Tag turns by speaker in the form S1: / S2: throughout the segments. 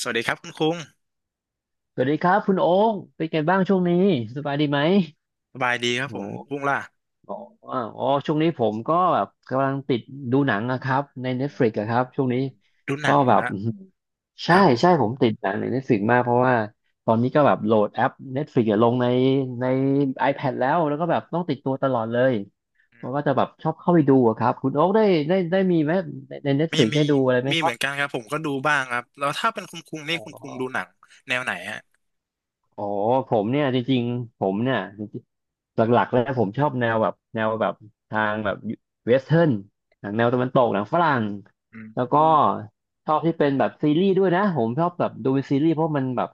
S1: สวัสดีครับคุณคุ้ง
S2: สวัสดีครับคุณโอ๊คเป็นไงบ้างช่วงนี้สบายดีไหม
S1: สบายดีครับ
S2: โอ
S1: ผมคุ้
S2: ้
S1: งล่ะ
S2: โออ๋อช่วงนี้ผมก็แบบกำลังติดดูหนังนะครับใน
S1: เอ่อ
S2: Netflix อะครับช่วงนี้
S1: ดูห
S2: ก็
S1: นังเหร
S2: แบ
S1: อ
S2: บ
S1: นะ
S2: อื้อหือ
S1: ค
S2: ใช่
S1: รับ
S2: ใช่ผมติดหนังใน Netflix มากเพราะว่าตอนนี้ก็แบบโหลดแอป Netflix อะลงในใน iPad แล้วก็แบบต้องติดตัวตลอดเลย
S1: อื
S2: มั
S1: ม
S2: นก็จะแบบชอบเข้าไปดูอะครับคุณโอ๊คได้มีไหมใน
S1: มี
S2: Netflix
S1: มี
S2: ได้ดูอะไรไหม
S1: มี
S2: ค
S1: เห
S2: รั
S1: มื
S2: บ
S1: อนกันครับผมก็ดูบ้างครับแล้วถ้าเป็นคุณคุ้งนี่
S2: อ๋อ
S1: คุณคุ้งดูหนังแนวไหนฮะ
S2: อ๋อผมเนี่ยจริงๆผมเนี่ยจริงๆหลักๆแล้วผมชอบแนวแบบทางแบบเวสเทิร์นหนังแนวตะวันตกหนังฝรั่ง
S1: อืม
S2: แล้วก็ชอบที่เป็นแบบซีรีส์ด้วยนะผมชอบแบบดูเป็นซีรีส์เพราะ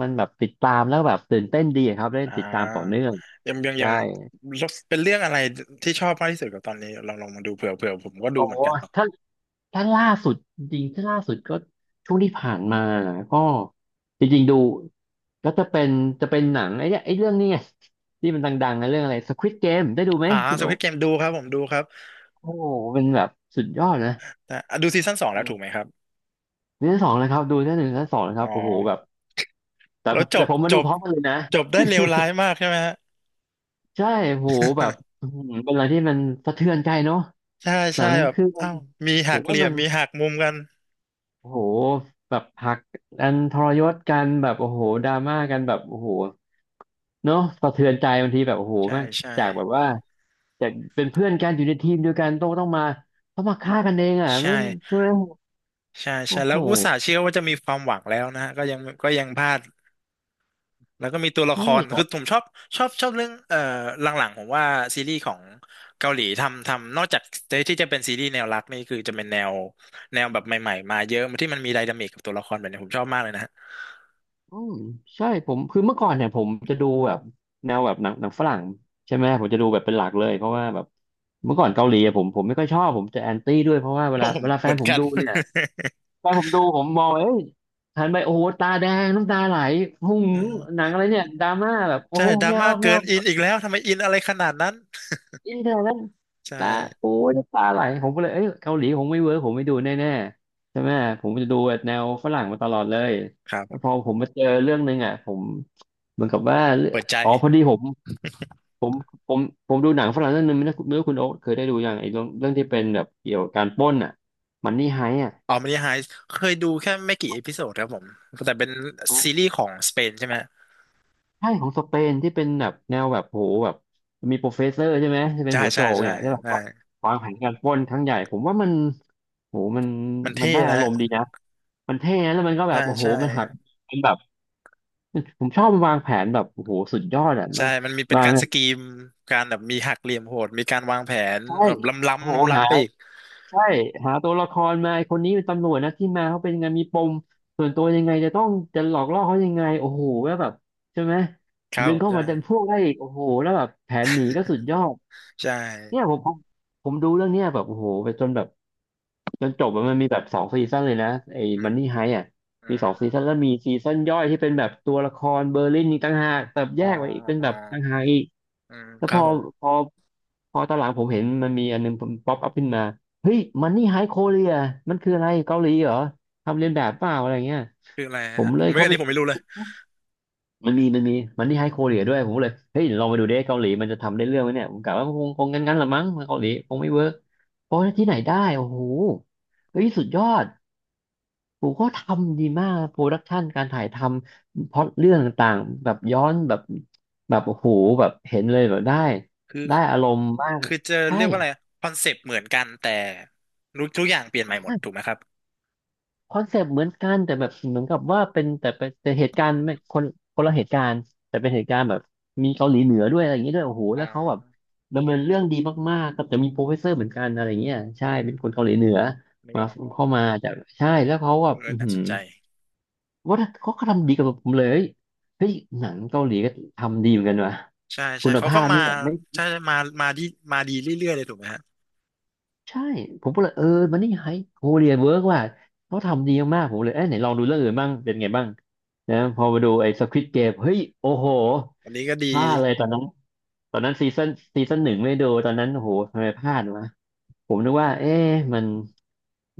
S2: มันแบบติดตามแล้วแบบตื่นเต้นดีอะครับได้
S1: อ่
S2: ติดตามต่อ
S1: า
S2: เนื่อง
S1: ยังยังยั
S2: ใช่
S1: งเป็นเรื่องอะไรที่ชอบมากที่สุดกับตอนนี้ลองมาดูเผื่อผมก็ดู
S2: โอ้
S1: เหมือนกันเนาะ
S2: ถ้า ถ้าล่าสุดจริงๆถ้าล่าสุดก็ช่วงที่ผ่านมาก็จริงๆดูก็จะเป็นจะเป็นหนังไอ้เนี่ยไอ้เรื่องนี้ไงที่มันดังๆนะเรื่องอะไร Squid Game ได้ดูไหม
S1: อ่า
S2: คุณ
S1: สค
S2: โอ๊
S1: วิดเกม
S2: ค
S1: ดูครับผมดูครับ
S2: โอ้โหเป็นแบบสุดยอดนะ
S1: แต่อ่ะดูซีซั่นสอง
S2: อื
S1: แล้วถูกไหม
S2: ม
S1: ครับ
S2: ซีซั่นสองนะครับดูซีซั่นหนึ่งซีซั่นสองนะครั
S1: อ๋
S2: บ
S1: อ
S2: โอ้โหแบบแต่
S1: แล้วจ
S2: แต่
S1: บ
S2: ผมมา
S1: จ
S2: ดู
S1: บ
S2: พร้อมกันเลยนะ
S1: จบได้เลวร้ายมากใช่ไหมฮะ
S2: ใช่โอ้โหแบบ อื้อหือเป็นอะไรที่มันสะเทือนใจเนาะ
S1: ใช่
S2: หนั
S1: ใช่
S2: ง
S1: แบบ
S2: คือมั
S1: อ้า
S2: น
S1: วมี
S2: ผ
S1: หัก
S2: ม
S1: เห
S2: ว่า
S1: ลี่ย
S2: มั
S1: ม
S2: น
S1: มีหักมุมกัน
S2: โอ้โหแบบหักอันทรยศกันแบบโอ้โหดราม่ากันแบบโอ้โหเนาะสะเทือนใจบางทีแบบโอ้โห
S1: ใช่
S2: แม่ง
S1: ใช่
S2: จากแบบว่าจากเป็นเพื่อนกันอยู่ในทีมเดียวกันต้องมาฆ่ากันเองอ่ะ
S1: ใช่
S2: มันช่วย
S1: ใช่ใช่
S2: โอ้โห
S1: แล้วอุตส่าห์เชื่อว่าจะมีความหวังแล้วนะฮะก็ยังพลาดแล้วก็มีตัวละค
S2: ใช่
S1: ร
S2: แบ
S1: คือ
S2: บ
S1: ผมชอบชอบเรื่องหลังๆผมว่าซีรีส์ของเกาหลีทำนอกจากที่จะเป็นซีรีส์แนวรักนี่คือจะเป็นแนวแบบใหม่ๆมาเยอะที่มันมีไดนามิกกับตัวละครแบบนี้ผมชอบมากเลยนะฮะ
S2: อืมใช่ผมคือเมื่อก่อนเนี่ยผมจะดูแบบแนวแบบหนังฝรั่งใช่ไหมผมจะดูแบบเป็นหลักเลยเพราะว่าแบบเมื่อก่อนเกาหลีอะผมไม่ค่อยชอบผมจะแอนตี้ด้วยเพราะว่า
S1: โอ้ผม
S2: เวลาแฟ
S1: เหมื
S2: น
S1: อน
S2: ผม
S1: กัน
S2: ดูเนี่ย ตอนผมดูผมมองเอ้ยหันไปโอ้โหตาแดงน้ำตาไหลหุ้ง
S1: เออ
S2: หนังอะไรเนี่ยดราม่าแบบโอ้
S1: ใช่
S2: โห
S1: ดราม่าเกิ
S2: ไม่เอา
S1: นอินอีกแล้วทำไมอินอะไรขนาดนั้น
S2: อินเทอร์แล้ว
S1: ใช่
S2: ตาโอ้ยน้ำตาไหลผมก็เลยเอ้ยเกาหลีผมไม่เวิร์กผมไม่ดูแน่ๆใช่ไหมผมจะดูแบบแนวฝรั่งมาตลอดเลย
S1: ครับผ
S2: แล้วพอ
S1: ม
S2: ผมมาเจอเรื่องนึงอ่ะผมเหมือนกับว่าเรื่อง
S1: เปิดใจ
S2: อ๋อพอดีผมผมผมดูหนังฝรั่งเรื่องนึงไม่รู้คุณโอ๊คเคยได้ดูยังไอ้เรื่องที่เป็นแบบเกี่ยวกับการปล้นอ่ะมันนี่ไฮอ่ะ
S1: อ๋อมันยังไฮเคยดูแค่ไม่กี่เอพิโซดครับผมแต่เป็นซีรีส์ของสเปนใช่ไหม
S2: ใช่ของสเปนที่เป็นแบบแนวแบบโหแบบมีโปรเฟสเซอร์ใช่ไหมที่เป็น
S1: ใช่
S2: หัวโจ
S1: ใช่
S2: ก
S1: ใช่
S2: เนี่ยที่แบบ
S1: ใช่
S2: ว่าวางแผนการปล้นครั้งใหญ่ผมว่ามันโหมัน
S1: มัน
S2: มัน
S1: เท่
S2: ได้อา
S1: นะ
S2: รมณ์ดีนะมันเท่นะแล้วมันก็แบ
S1: ใช่
S2: บโอ้โห
S1: ใช่
S2: มันหักมันแบบผมชอบมันวางแผนแบบโอ้โหสุดยอดอ่ะมั
S1: ใช่
S2: น
S1: มันมีเป็น
S2: วาง
S1: การสกรีมการแบบมีหักเหลี่ยมโหดมีการวางแผน
S2: ใช่
S1: แบบล้ำ
S2: โอ้
S1: ล้ำ
S2: โห
S1: ล้ำ
S2: หา
S1: ล้ำไปอีก
S2: ใช่หาตัวละครมาไอ้คนนี้เป็นตำรวจนะที่มาเขาเป็นยังไงมีปมส่วนตัวยังไงจะหลอกล่อเขายังไงโอ้โหแล้วแบบใช่ไหม
S1: ครับ
S2: ดึ
S1: ผ
S2: ง
S1: ม
S2: เข้า
S1: ใช่
S2: มาดันพวกได้อีกโอ้โหแล้วแบบแผนหนีก็สุดยอด
S1: ใช่
S2: เนี่ยผมดูเรื่องเนี้ยแบบโอ้โหไปจนแบบจนจบอะมันมีแบบสองซีซั่นเลยนะไอ้
S1: อื
S2: มัน
S1: ม
S2: นี่ไฮอ่ะ
S1: อื
S2: มีสองซี
S1: ม
S2: ซั่นแล้วมีซีซั่นย่อยที่เป็นแบบตัวละครเบอร์ลินนี่ต่างหากแบบแย
S1: อ๋อ
S2: กไว้อีกเป็น
S1: อ๋
S2: แบ
S1: อ
S2: บต่างหากอีก
S1: อืม
S2: แล้ว
S1: ครับผม
S2: พอพอตอนหลังผมเห็นมันมีอันนึงป๊อปอัพขึ้นมาเฮ้ยมันนี่ไฮโคเรียมันคืออะไรเกาหลีเหรอทำเลียนแบบเปล่าอะไรเงี้ย
S1: คืออะไร
S2: ผม
S1: ฮะ
S2: เล
S1: ผ
S2: ย
S1: มไม่
S2: เข้า
S1: อัน
S2: ไป
S1: นี้ผมไม่รู้เลย
S2: มันที่ให้โคเรียด้วยผมก็เลยเฮ้ยลองไปดูดิเกาหลีมันจะทำได้เรื่องไหมเนี่ยผมกะว่าคงงั้นละมั้งเกาหลีคงไม่เวิร์กเพราะที่ไหนได้โอ้โหเฮ้ยสุดยอดผมก็ทำดีมากโปรดักชันการถ่ายทำพล็อตเรื่องต่างๆแบบย้อนแบบโอ้โหแบบเห็นเลยแบบ
S1: คือ
S2: ได้อารมณ์มาก
S1: คือจะ
S2: ใช่
S1: เรียกว่าอะไรคอนเซปต์เหมือนกันแต่รู้ทุกอย่างเปลี่ยนใหม่หมดถูกไห
S2: ใช่
S1: มครับ
S2: คอนเซปต์เหมือนกันแต่แบบเหมือนกับว่าเป็นแต่เหตุการณ์ไม่คนคนละเหตุการณ์แต่เป็นเหตุการณ์แบบมีเกาหลีเหนือด้วยอะไรอย่างเงี้ยด้วยโอ้โห
S1: อ๋
S2: แล้วเขาแบบ
S1: อ
S2: ดำเนินเรื่องดีมากๆกับจะมีโปรเฟสเซอร์เหมือนกันอะไรเงี้ยใช่
S1: อื
S2: เป็นคน
S1: ม
S2: เกาหลีเหนือ
S1: นึก
S2: มา
S1: ออก
S2: เข้ามาจากใช่แล้วเขาแบ
S1: เอ
S2: บ
S1: อ
S2: อือ
S1: น่า
S2: หื
S1: ส
S2: อ
S1: นใจ
S2: ว่าเขาก็ทำดีกับผมเลยเฮ้ยหนังเกาหลีก็ทำดีเหมือนกันว่ะ
S1: ใช่ใช่
S2: คุณ
S1: เขา
S2: ภา
S1: ก็
S2: พ
S1: มา
S2: นี่แบบไม่
S1: ใช่มามาดีมาดีเรื่อยๆเลยถูกไหมฮะ
S2: ใช่ผมก็เลยเออมันนี่ไฮโคเรียนเวิร์กว่ะเขาทำดีมากผมเลยเอ้ยไหนลองดูเรื่องอื่นบ้างเป็นไงบ้างนะพอมาดูไอ้สควิดเกมเฮ้ยโอ้โห
S1: วันนี้ก็ดี
S2: พลาดเลยตอนนั้นซีซั่นหนึ่งไม่ดูตอนนั้นโอ้โหทำไมพลาดวะผมนึกว่าเอ๊ะมัน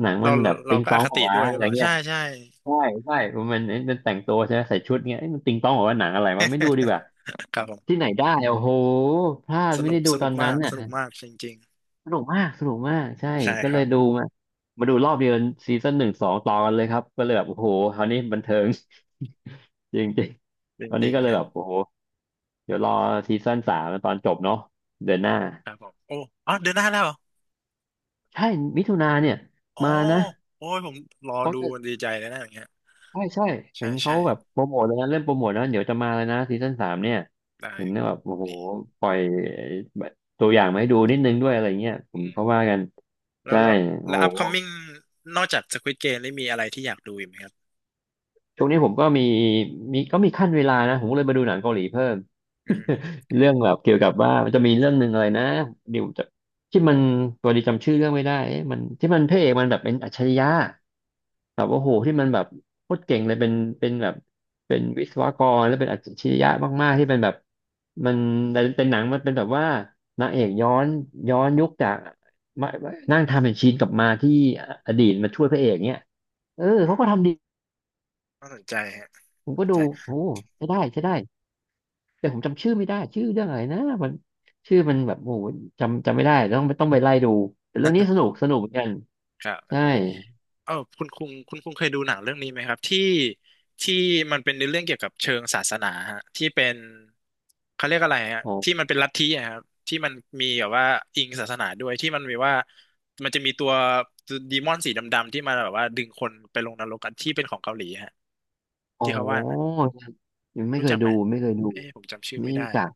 S2: หนัง
S1: เรา
S2: มันแบ
S1: เรา
S2: บ
S1: เรา
S2: ติง
S1: ก็
S2: ต
S1: อ
S2: อง
S1: ค
S2: เหรอ
S1: ติ
S2: วะ
S1: ด้วยห
S2: อะ
S1: รือ
S2: ไร
S1: เปล่า
S2: เงี้
S1: ใช่
S2: ย
S1: ใช่
S2: ใช่ใช่มันมันแต่งตัวใช่ไหมใส่ชุดเงี้ยเอ๊ะมันติงตองเหรอวะหนังอะไรวะไม่ดูดีกว่า
S1: ครับผ
S2: ที่
S1: ม
S2: ไหนได้โอ้โหพลาด
S1: ส
S2: ไม่
S1: นุ
S2: ได้
S1: ก
S2: ดู
S1: ส
S2: ต
S1: นุ
S2: อ
S1: ก
S2: นนั้
S1: มา
S2: น
S1: ก
S2: อ่ะ
S1: สนุกมากจริง
S2: สนุกมาก สนุกมาก ใช่
S1: ๆใช่
S2: ก็
S1: ค
S2: เล
S1: รั
S2: ยดู
S1: บ
S2: มา มาดูรอบเดียวซีซั่นหนึ่งสองต่อกันเลยครับ ก็เลยแบบโอ้โหคราวนี้บันเทิง จริงจริง
S1: จ
S2: ตอนนี้
S1: ริง
S2: ก็เล
S1: ๆ
S2: ย
S1: ฮะ
S2: แบบโอ้โหเดี๋ยวรอซีซั่นสามตอนจบเนาะเดือนหน้า
S1: ครับผมโอ้อ๋อเดือนหน้าแล้วเหรอ
S2: ใช่มิถุนาเนี่ย
S1: อ๋อ
S2: มานะ
S1: โอ้ยผมรอ
S2: เขา
S1: ดู
S2: จะ
S1: ดีใจเลยนะอย่างเงี้ย
S2: ใช่ใช่เห็
S1: ใช่
S2: นเขา
S1: ใช่
S2: แบบโปรโมทเลยนะเริ่มโปรโมทแล้วเดี๋ยวจะมาเลยนะซีซั่นสามเนี่ย
S1: ได้
S2: เห็น
S1: ครับ
S2: แบบโอ้โห
S1: ดี
S2: ปล่อยตัวอย่างมาให้ดูนิดนึงด้วยอะไรเงี้ยผม
S1: อืม
S2: เขาว่ากัน
S1: แล้ว
S2: ใช่
S1: แล้ว
S2: โอ้
S1: แล้
S2: โ
S1: ว
S2: ห
S1: upcoming นอกจาก Squid Game ได้มีอะไรที่อยากดูอีกไหมครับ
S2: ช่วงนี้ผมก็มีมีก็มีขั้นเวลานะผมก็เลยมาดูหนังเกาหลีเพิ่ม
S1: อืม
S2: เรื่องแบบเกี่ยวกับว่ามันจะมีเรื่องหนึ่งอะไรนะเดี๋ยวจะที่มันตัวดีจำชื่อเรื่องไม่ได้เอ๊ะมันที่มันพระเอกมันแบบเป็นอัจฉริยะแบบโอ้โหที่มันแบบโคตรเก่งเลยเป็นแบบเป็นวิศวกรแล้วเป็นอัจฉริยะมากๆที่เป็นแบบมันเป็นหนังมันเป็นแบบว่านางเอกย้อนยุคจากมานั่งทำเป็นชีนกลับมาที่อดีตมาช่วยพระเอกเนี่ยเออ
S1: อื
S2: เขาก็ทำ
S1: ม
S2: ดี
S1: น่าสนใจฮะ
S2: ผมก็ดูโอ้ใช้ได้ใช้ได้ แต่ผมจำชื่อไม่ได้ชื่อเรื่องอะไรนะมันชื่อมันแบบโอ้โหจำไม่ได้ต้องไปไล่ดูแต่เรื่องนี้สนุกสนุกเหมือนกัน
S1: ครับไม่
S2: ใช่
S1: เป็นไรเออคุณคุงเคยดูหนังเรื่องนี้ไหมครับที่มันเป็นในเรื่องเกี่ยวกับเชิงศาสนาฮะที่เป็นเขาเรียกอะไรฮะ
S2: โอ
S1: ที่
S2: ้
S1: มันเป็นลัทธิอะครับที่มันมีแบบว่าอิงศาสนาด้วยที่มันมีว่ามันจะมีตัวดีมอนสีดำๆที่มาแบบว่าดึงคนไปลงนรกกันที่เป็นของเกาหลีฮะ
S2: อ๋อ
S1: ที่เขาว่าอย่างนั้น
S2: ยังไม่
S1: รู้
S2: เคย
S1: จักไหม
S2: ดูไม่เคยดู
S1: เอ๊ะผมจำชื่อ
S2: ไม่
S1: ไม่
S2: รู้
S1: ได้
S2: จัก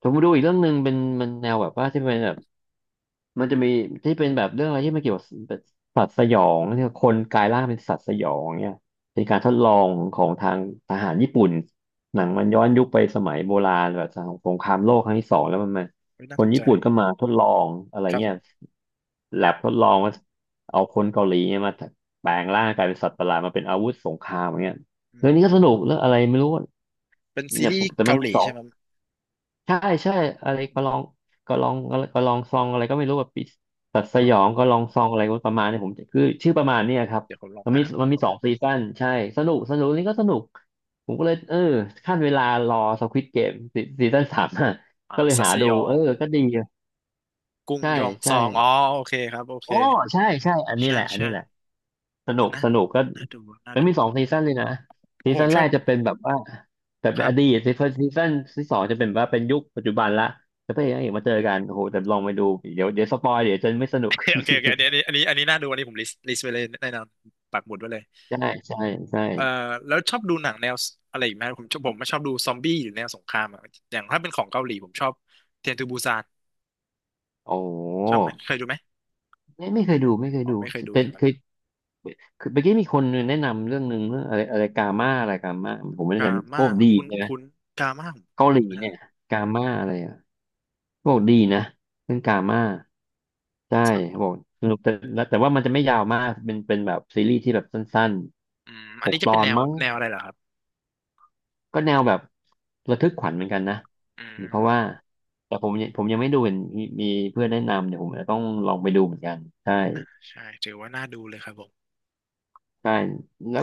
S2: ผมมาดูอีกเรื่องหนึ่งเป็นมันแนวแบบว่าที่เป็นแบบ มันจะมีที่เป็นแบบเรื่องอะไรที่มันเกี่ยวกับแบบสัตว์สยองที่คนกลายร่างเป็นสัตว์สยองเนี่ยเป็นการทดลองของทางทหารญี่ปุ่นหนังมันย้อนยุคไปสมัยโบราณแบบสงครามโลกครั้งที่สองแล้วมันมา
S1: ไม่น่า
S2: ค
S1: ส
S2: น
S1: นใจ
S2: ญี่ปุ่นก็มาทดลองอะไร
S1: ครับผ
S2: เงี้ย
S1: ม
S2: แลบทดลองว่าเอาคนเกาหลีเนี่ยมาแปลงร่างกลายเป็นสัตว์ประหลาดมาเป็นอาวุธสงครามอย่างเงี้ย
S1: อื
S2: เรื่องนี้ก็
S1: ม
S2: สนุกเรื่องอะไรไม่รู้
S1: เป็นซี
S2: เนี่ย
S1: รี
S2: ผม
S1: ส์
S2: แต่มั
S1: เกา
S2: น
S1: ห
S2: มี
S1: ลี
S2: สอง
S1: ใช่ไหม
S2: ใช่ใช่อะไร
S1: อืม
S2: ก็ลองซองอะไรก็ไม่รู้แบบปิดสัตว์ส
S1: อ๋
S2: ยอ
S1: อ
S2: งก็ลองซองอะไรประมาณเนี้ผมคือชื่อประมาณเนี้ยครับ
S1: เดี๋ยวผมลอง
S2: มัน
S1: หา
S2: มี
S1: ผ
S2: มั
S1: ม
S2: น
S1: ผ
S2: มี
S1: ม
S2: สองซีซั่นใช่สนุกสนุกนี่ก็สนุกผมก็เลยเออขั้นเวลารอสควิดเกมซีซั่นสาม
S1: อ่า
S2: ก็เลย
S1: สัต
S2: หา
S1: ว์ส
S2: ดู
S1: ยอ
S2: เออ
S1: ง
S2: ก็ดี
S1: กรุง
S2: ใช่
S1: ยองซ
S2: ใช่
S1: องอ๋อโอเคครับโอเค
S2: โอ้ใช่ใช่อันนี้
S1: ใช่
S2: แหละอัน
S1: ใช่
S2: นี้แหละ ส
S1: เอ
S2: นุ
S1: อ
S2: ก
S1: นะ
S2: สนุกก็
S1: น่าดูน่า
S2: มัน
S1: ดู
S2: มี
S1: เพ
S2: สอ
S1: ร
S2: งซีซันเลยนะซี
S1: าะผ
S2: ซั
S1: ม
S2: น
S1: ช
S2: แร
S1: อบ
S2: กจะเป็นแบบว่าแต่
S1: ค
S2: เป็น
S1: รั
S2: อ
S1: บ
S2: ดี ตซีซันที่สองจะเป็นแบบว่าเป็นยุคปัจจุบันละจะไป
S1: อื
S2: เอกนางเอ
S1: ม
S2: กมาเจอกันโอ้โหแต่ลองไปดูเดี๋ยวสปอยเดี๋ยวจะไม่สนุ
S1: โอ
S2: ก
S1: เคโอเคอันนี้ อันนี้อันนี้อันนี้น่าดูอันนี้ผมลิสต์ไว้เลยแน่นอนปักหมุดไว้เลย
S2: ใช่ใช่ใช่
S1: เอ่อแล้วชอบดูหนังแนวอะไรอีกไหมผมชอบดูซอมบี้หรือแนวสงครามอะอย่างถ้าเป็นของเกาหลีผมชอบเทรนทูบูซาน
S2: โอ้
S1: ชอบไหมเคยดูไหม
S2: ไม่ไม่เคยดูไม่เคย
S1: อ๋อ
S2: ดู
S1: ไม่เคยดู
S2: แต่
S1: จัง
S2: เค
S1: เล
S2: ย
S1: ย
S2: คือเมื่อกี้มีคนแนะนำเรื่องหนึ่งเรื่องอะไรอะไรกาม่าอะไรกาม่าผมไม่แน่ใจ
S1: กา
S2: มันโค
S1: ม่า
S2: ตรดี
S1: คุ้น
S2: ใช่ไหม
S1: คุ้นกาม่าของ
S2: เกาห
S1: คุ
S2: ลี
S1: ณนะฮะ
S2: เนี่ยกาม่าอะไร บอกดีนะเรื่องกาม่าใช่
S1: สัก
S2: บอกสนุกแต่ว่ามันจะไม่ยาวมากเป็นแบบซีรีส์ที่แบบสั้น
S1: อืม
S2: ๆ
S1: อั
S2: ห
S1: น
S2: ก
S1: นี้
S2: ต
S1: จะ
S2: อ
S1: เป็น
S2: น
S1: แนว
S2: มั้ง
S1: อะไรเหรอครับ
S2: ก็แนวแบบระทึกขวัญเหมือนกันนะ
S1: อื
S2: เพราะว่า
S1: ม
S2: แต่ผมยังไม่ดูเห็นมีมีเพื่อนแนะนำเดี๋ยวผมจะต้องลองไปดูเหมือนกันใช่
S1: นะใช่ถือว่าน่าดูเลยครับผม
S2: ใช่แล้ว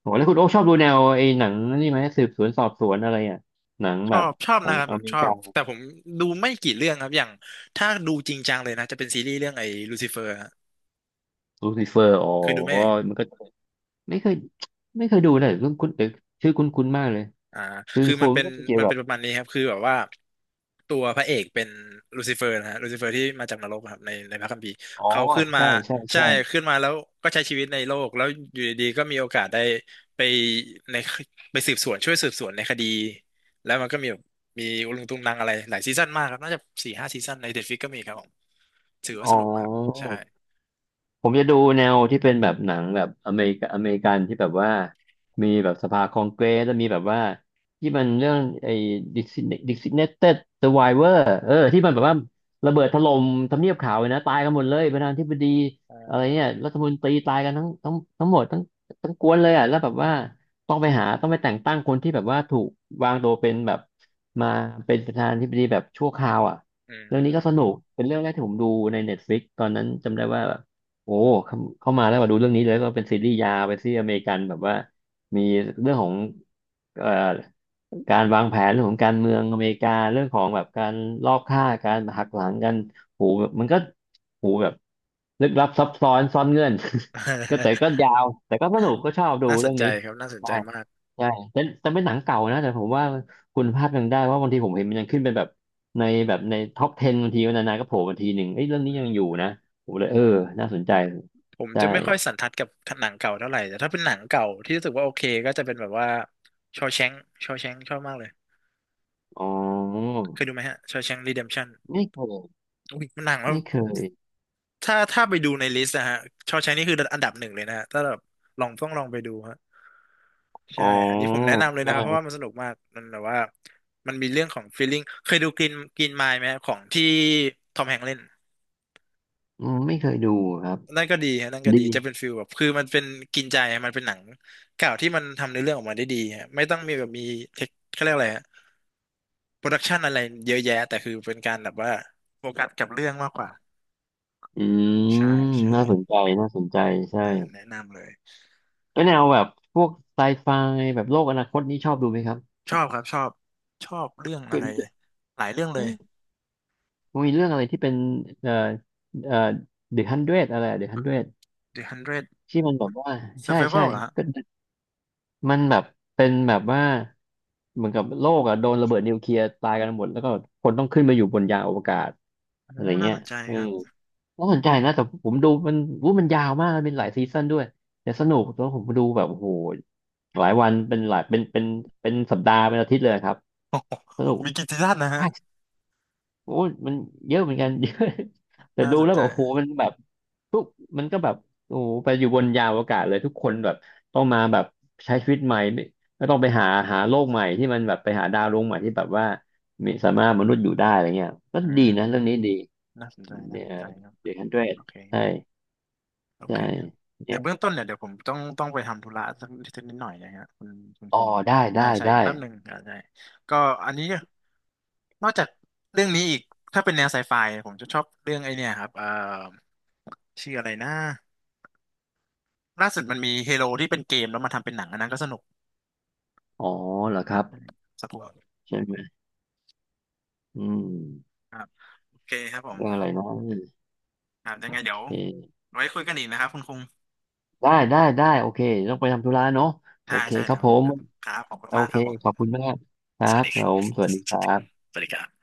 S2: โหแล้วคุณโอ๊คชอบดูแนวไอ้หนังนี่ไหมสืบสวนสอบสวนอะไรอ่ะหนัง
S1: ช
S2: แบ
S1: อ
S2: บ
S1: บชอบ
S2: ของ
S1: นะครับ
S2: อ
S1: แบบ
S2: เม
S1: ช
S2: ริ
S1: อ
S2: กา
S1: บแต่ผมดูไม่กี่เรื่องครับอย่างถ้าดูจริงจังเลยนะจะเป็นซีรีส์เรื่องไอ้ลูซิเฟอร์ฮะ
S2: ลูซิเฟอร์อ๋อ
S1: เคยดูไหมเอ่ย
S2: มันก็ไม่เคยไม่เคยดูเลยคุณคุณเออชื่อคุ้นๆมากเลย
S1: อ่า
S2: คือ
S1: คือ
S2: โค
S1: มัน
S2: ม
S1: เป็น
S2: ก็เป็นเกี่ย
S1: มั
S2: ว
S1: น
S2: กั
S1: เป็
S2: บ
S1: นประมาณนี้ครับคือแบบว่าตัวพระเอกเป็นลูซิเฟอร์นะฮะลูซิเฟอร์ที่มาจากนรกครับในพระคัมภีร์
S2: อ๋อ
S1: เขาขึ้นมา
S2: ใช่ใช่
S1: ใช่
S2: ใช่
S1: ขึ้นมาแล้วก็ใช้ชีวิตในโลกแล้วอยู่ดีๆก็มีโอกาสได้ไปในไปสืบสวนช่วยสืบสวนในคดีแล้วมันก็มีแบบมีอุลุงตุงนังอะไรหลายซีซั่นมากครับน่าจะสี่ห้าซีซั่นในเด็ดฟิกก็มีครับผมถือว่า
S2: อ๋อ
S1: สนุกมากใช่
S2: ผมจะดูแนวที่เป็นแบบหนังแบบอเมริกาอเมริกันที่แบบว่ามีแบบสภาคองเกรสแล้วมีแบบว่าที่มันเรื่องไอ้ดิสิดิสิเนเต็ดเซอร์ไวเวอร์ที่มันแบบว่าระเบิดถล่มทำเนียบขาวเลยนะตายกันหมดเลยประธานาธิบดีอะไรเนี่ยรัฐมนตรีตายกันทั้งหมดทั้งกวนเลยอ่ะแล้วแบบว่าต้องไปแต่งตั้งคนที่แบบว่าถูกวางตัวเป็นแบบมาเป็นประธานาธิบดีแบบชั่วคราวอ่ะ
S1: อื
S2: เรื่องนี้ก็
S1: ม
S2: สนุกเป็นเรื่องแรกที่ผมดูใน Netflix ตอนนั้นจำได้ว่า โอ้เข้ามาแล้วมาดูเรื่องนี้เลยก็เป็นซีรีส์ยาวเป็นซีรีส์อเมริกันแบบว่ามีเรื่องของเอ่อการวางแผนเรื่องของการเมืองอเมริกาเรื่องของแบบการลอบฆ่าการหักหลังกันโหแบบมันก็โหแบบลึกลับซับซ้อนซ่อนเงื่อน ก็แต่ก็ ยาวแต่ก็สนุกก็ชอบดู
S1: น่าส
S2: เรื่
S1: น
S2: อง
S1: ใจ
S2: นี้
S1: ครับน่าสนใจมาก
S2: ใช่แต่เป็นหนังเก่านะแต่ผมว่าคุณภาพยังได้เพราะบางทีผมเห็นมันยังขึ้นเป็นแบบในท็อป10บบางทีันนานๆก็โผล่มาทีหนึ่งเอ้ยเรื่องนี้
S1: อื
S2: ยังอยู่
S1: ม
S2: นะผมเลยเออน่าสนใจ
S1: ผม
S2: ใช่
S1: จะไม่ค่อยสันทัดกับหนังเก่าเท่าไหร่แต่ถ้าเป็นหนังเก่าที่รู้สึกว่าโอเคก็จะเป็นแบบว่าชอแชงชอบมากเลย
S2: อ๋อ
S1: เคยดูไหมฮะชอแชงรีเดมชั่น
S2: ไม่เคย
S1: อุ้ยมันหนังว่า
S2: ไม่เคย
S1: ถ้าไปดูในลิสต์นะฮะชอแชงนี่คืออันดับหนึ่งเลยนะฮะถ้าแบบลองต้องลองไปดูฮะ
S2: อ๋อ
S1: ใช่อันนี้ผมแนะนำเลยนะครับเพราะ
S2: ใช่
S1: ว่ามันสนุกมากมันแบบว่ามันมีเรื่องของ feeling เคยดูกรีนไมล์ไหมฮะของที่ทอมแฮงค์เล่น
S2: อืมไม่เคยดูครับ
S1: นั่นก็ดีฮะนั่นก็
S2: ดี
S1: ดีจะเป็นฟิลแบบคือมันเป็นกินใจมันเป็นหนังเก่าที่มันทำในอเรื่องออกมาได้ดีฮะไม่ต้องมีแบบมีเทคเขาเรียกอะไรฮะโปรดักชันอะไรเยอะแยะแต่คือเป็นการแบบว่าโฟกัสกับเรื่องมากกว่า
S2: อื
S1: ใช่
S2: ม
S1: ใช่
S2: น่าสนใจน่าสนใจใช่
S1: อ่าแนะนำเลย
S2: แล้วแนวแบบพวกไซไฟแบบโลกอนาคตนี้ชอบดูไหมครับ
S1: ชอบครับชอบชอบเรื่องอะ
S2: คือ
S1: ไรหลายเรื่องเลย
S2: เอ๊ะ มันมีเรื่องอะไรที่เป็นเอ่อเอ่อเดอะฮันเดรดอะไรเดอะฮันเดรด
S1: The Hundred
S2: ที่มันแบบว่าใช่ใช่
S1: Survival เหรอฮะ
S2: ก็มันแบบเป็นแบบว่าเหมือนกับโลกอะโดนระเบิดนิวเคลียร์ตายกันหมดแล้วก็คนต้องขึ้นมาอยู่บนยานอวกาศ
S1: โอ้
S2: อะไร
S1: น่า
S2: เงี้ย
S1: สนใจ
S2: เออ
S1: ครับ
S2: น่าสนใจนะแต่ผมดูมันวู้มันยาวมากมันเป็นหลายซีซั่นด้วยแต่สนุกแล้วผมดูแบบโอ้โหหลายวันเป็นหลายเป็นเป็นเป็นสัปดาห์เป็นอาทิตย์เลยครับ
S1: โอ้โห
S2: สนุก
S1: มีกี่ซีซั่นนะฮะ
S2: โอ้ยมันเยอะเหมือนกัน เยอะแต่
S1: น่า
S2: ดู
S1: สน
S2: แล้ว
S1: ใจ
S2: แบบโอ้โหมันแบบทุกมันก็แบบโอ้โหไปอยู่บนยานอวกาศเลยทุกคนแบบต้องมาแบบใช้ชีวิตใหม่ไม่ต้องไปหาโลกใหม่ที่มันแบบไปหาดาวดวงใหม่ที่แบบว่ามีสามารถมนุษย์อยู่ได้อะไรเงี้ยก็
S1: อื
S2: ดี
S1: ม
S2: นะเรื่องนี้ดี
S1: น่าสนใจน่า
S2: เนี่
S1: ส
S2: ย
S1: นใจครับ
S2: เด็กฮันเดรด
S1: โอเค
S2: ใช่
S1: โอ
S2: ใช่
S1: เค เดี๋
S2: เนี่
S1: ย
S2: ย
S1: วเบื้องต้นเนี่ยเดี๋ยวผมต้องไปทำธุระสักนิดนิดหน่อยนะฮะคุณคุณ
S2: อ๋
S1: ก
S2: อ
S1: รุง
S2: ได้
S1: ได้
S2: ได้
S1: ใช่
S2: ได้
S1: อีกแป๊บหนึ่งอ่าได้ก็อันนี้นอกจากเรื่องนี้อีกถ้าเป็นแนวไซไฟผมจะชอบเรื่องไอเนี่ยครับชื่ออะไรนะล่าสุดมันมีเฮโ o ที่เป็นเกมแล้วมาทำเป็นหนังอันนั้นก็สนุก
S2: อ๋อเหรอครับ
S1: สักพัก
S2: ใช่ไหมอืม
S1: ครับโอเคครับผ
S2: เรื่องอะ
S1: ม
S2: ไรนะ
S1: ครับยัง
S2: โอ
S1: ไงเดี๋ยว
S2: เค
S1: ไว้คุยกันอีกนะครับคุณกุง
S2: ได้ได้ได้โอเคต้องไปทำธุระเนาะโอ
S1: ใช่
S2: เค
S1: ใช่
S2: ครั
S1: เดี๋
S2: บ
S1: ยว
S2: ผ
S1: มัน
S2: ม
S1: แป๊บนึงครับขอบคุณ
S2: โอ
S1: มาก
S2: เค
S1: ครับผม
S2: ขอบคุณมากครั
S1: สวัส
S2: บ
S1: ดี
S2: ผ
S1: ครับ
S2: มสวัสดีค
S1: สวัส
S2: รั
S1: ดี
S2: บ
S1: สวัสดีครับ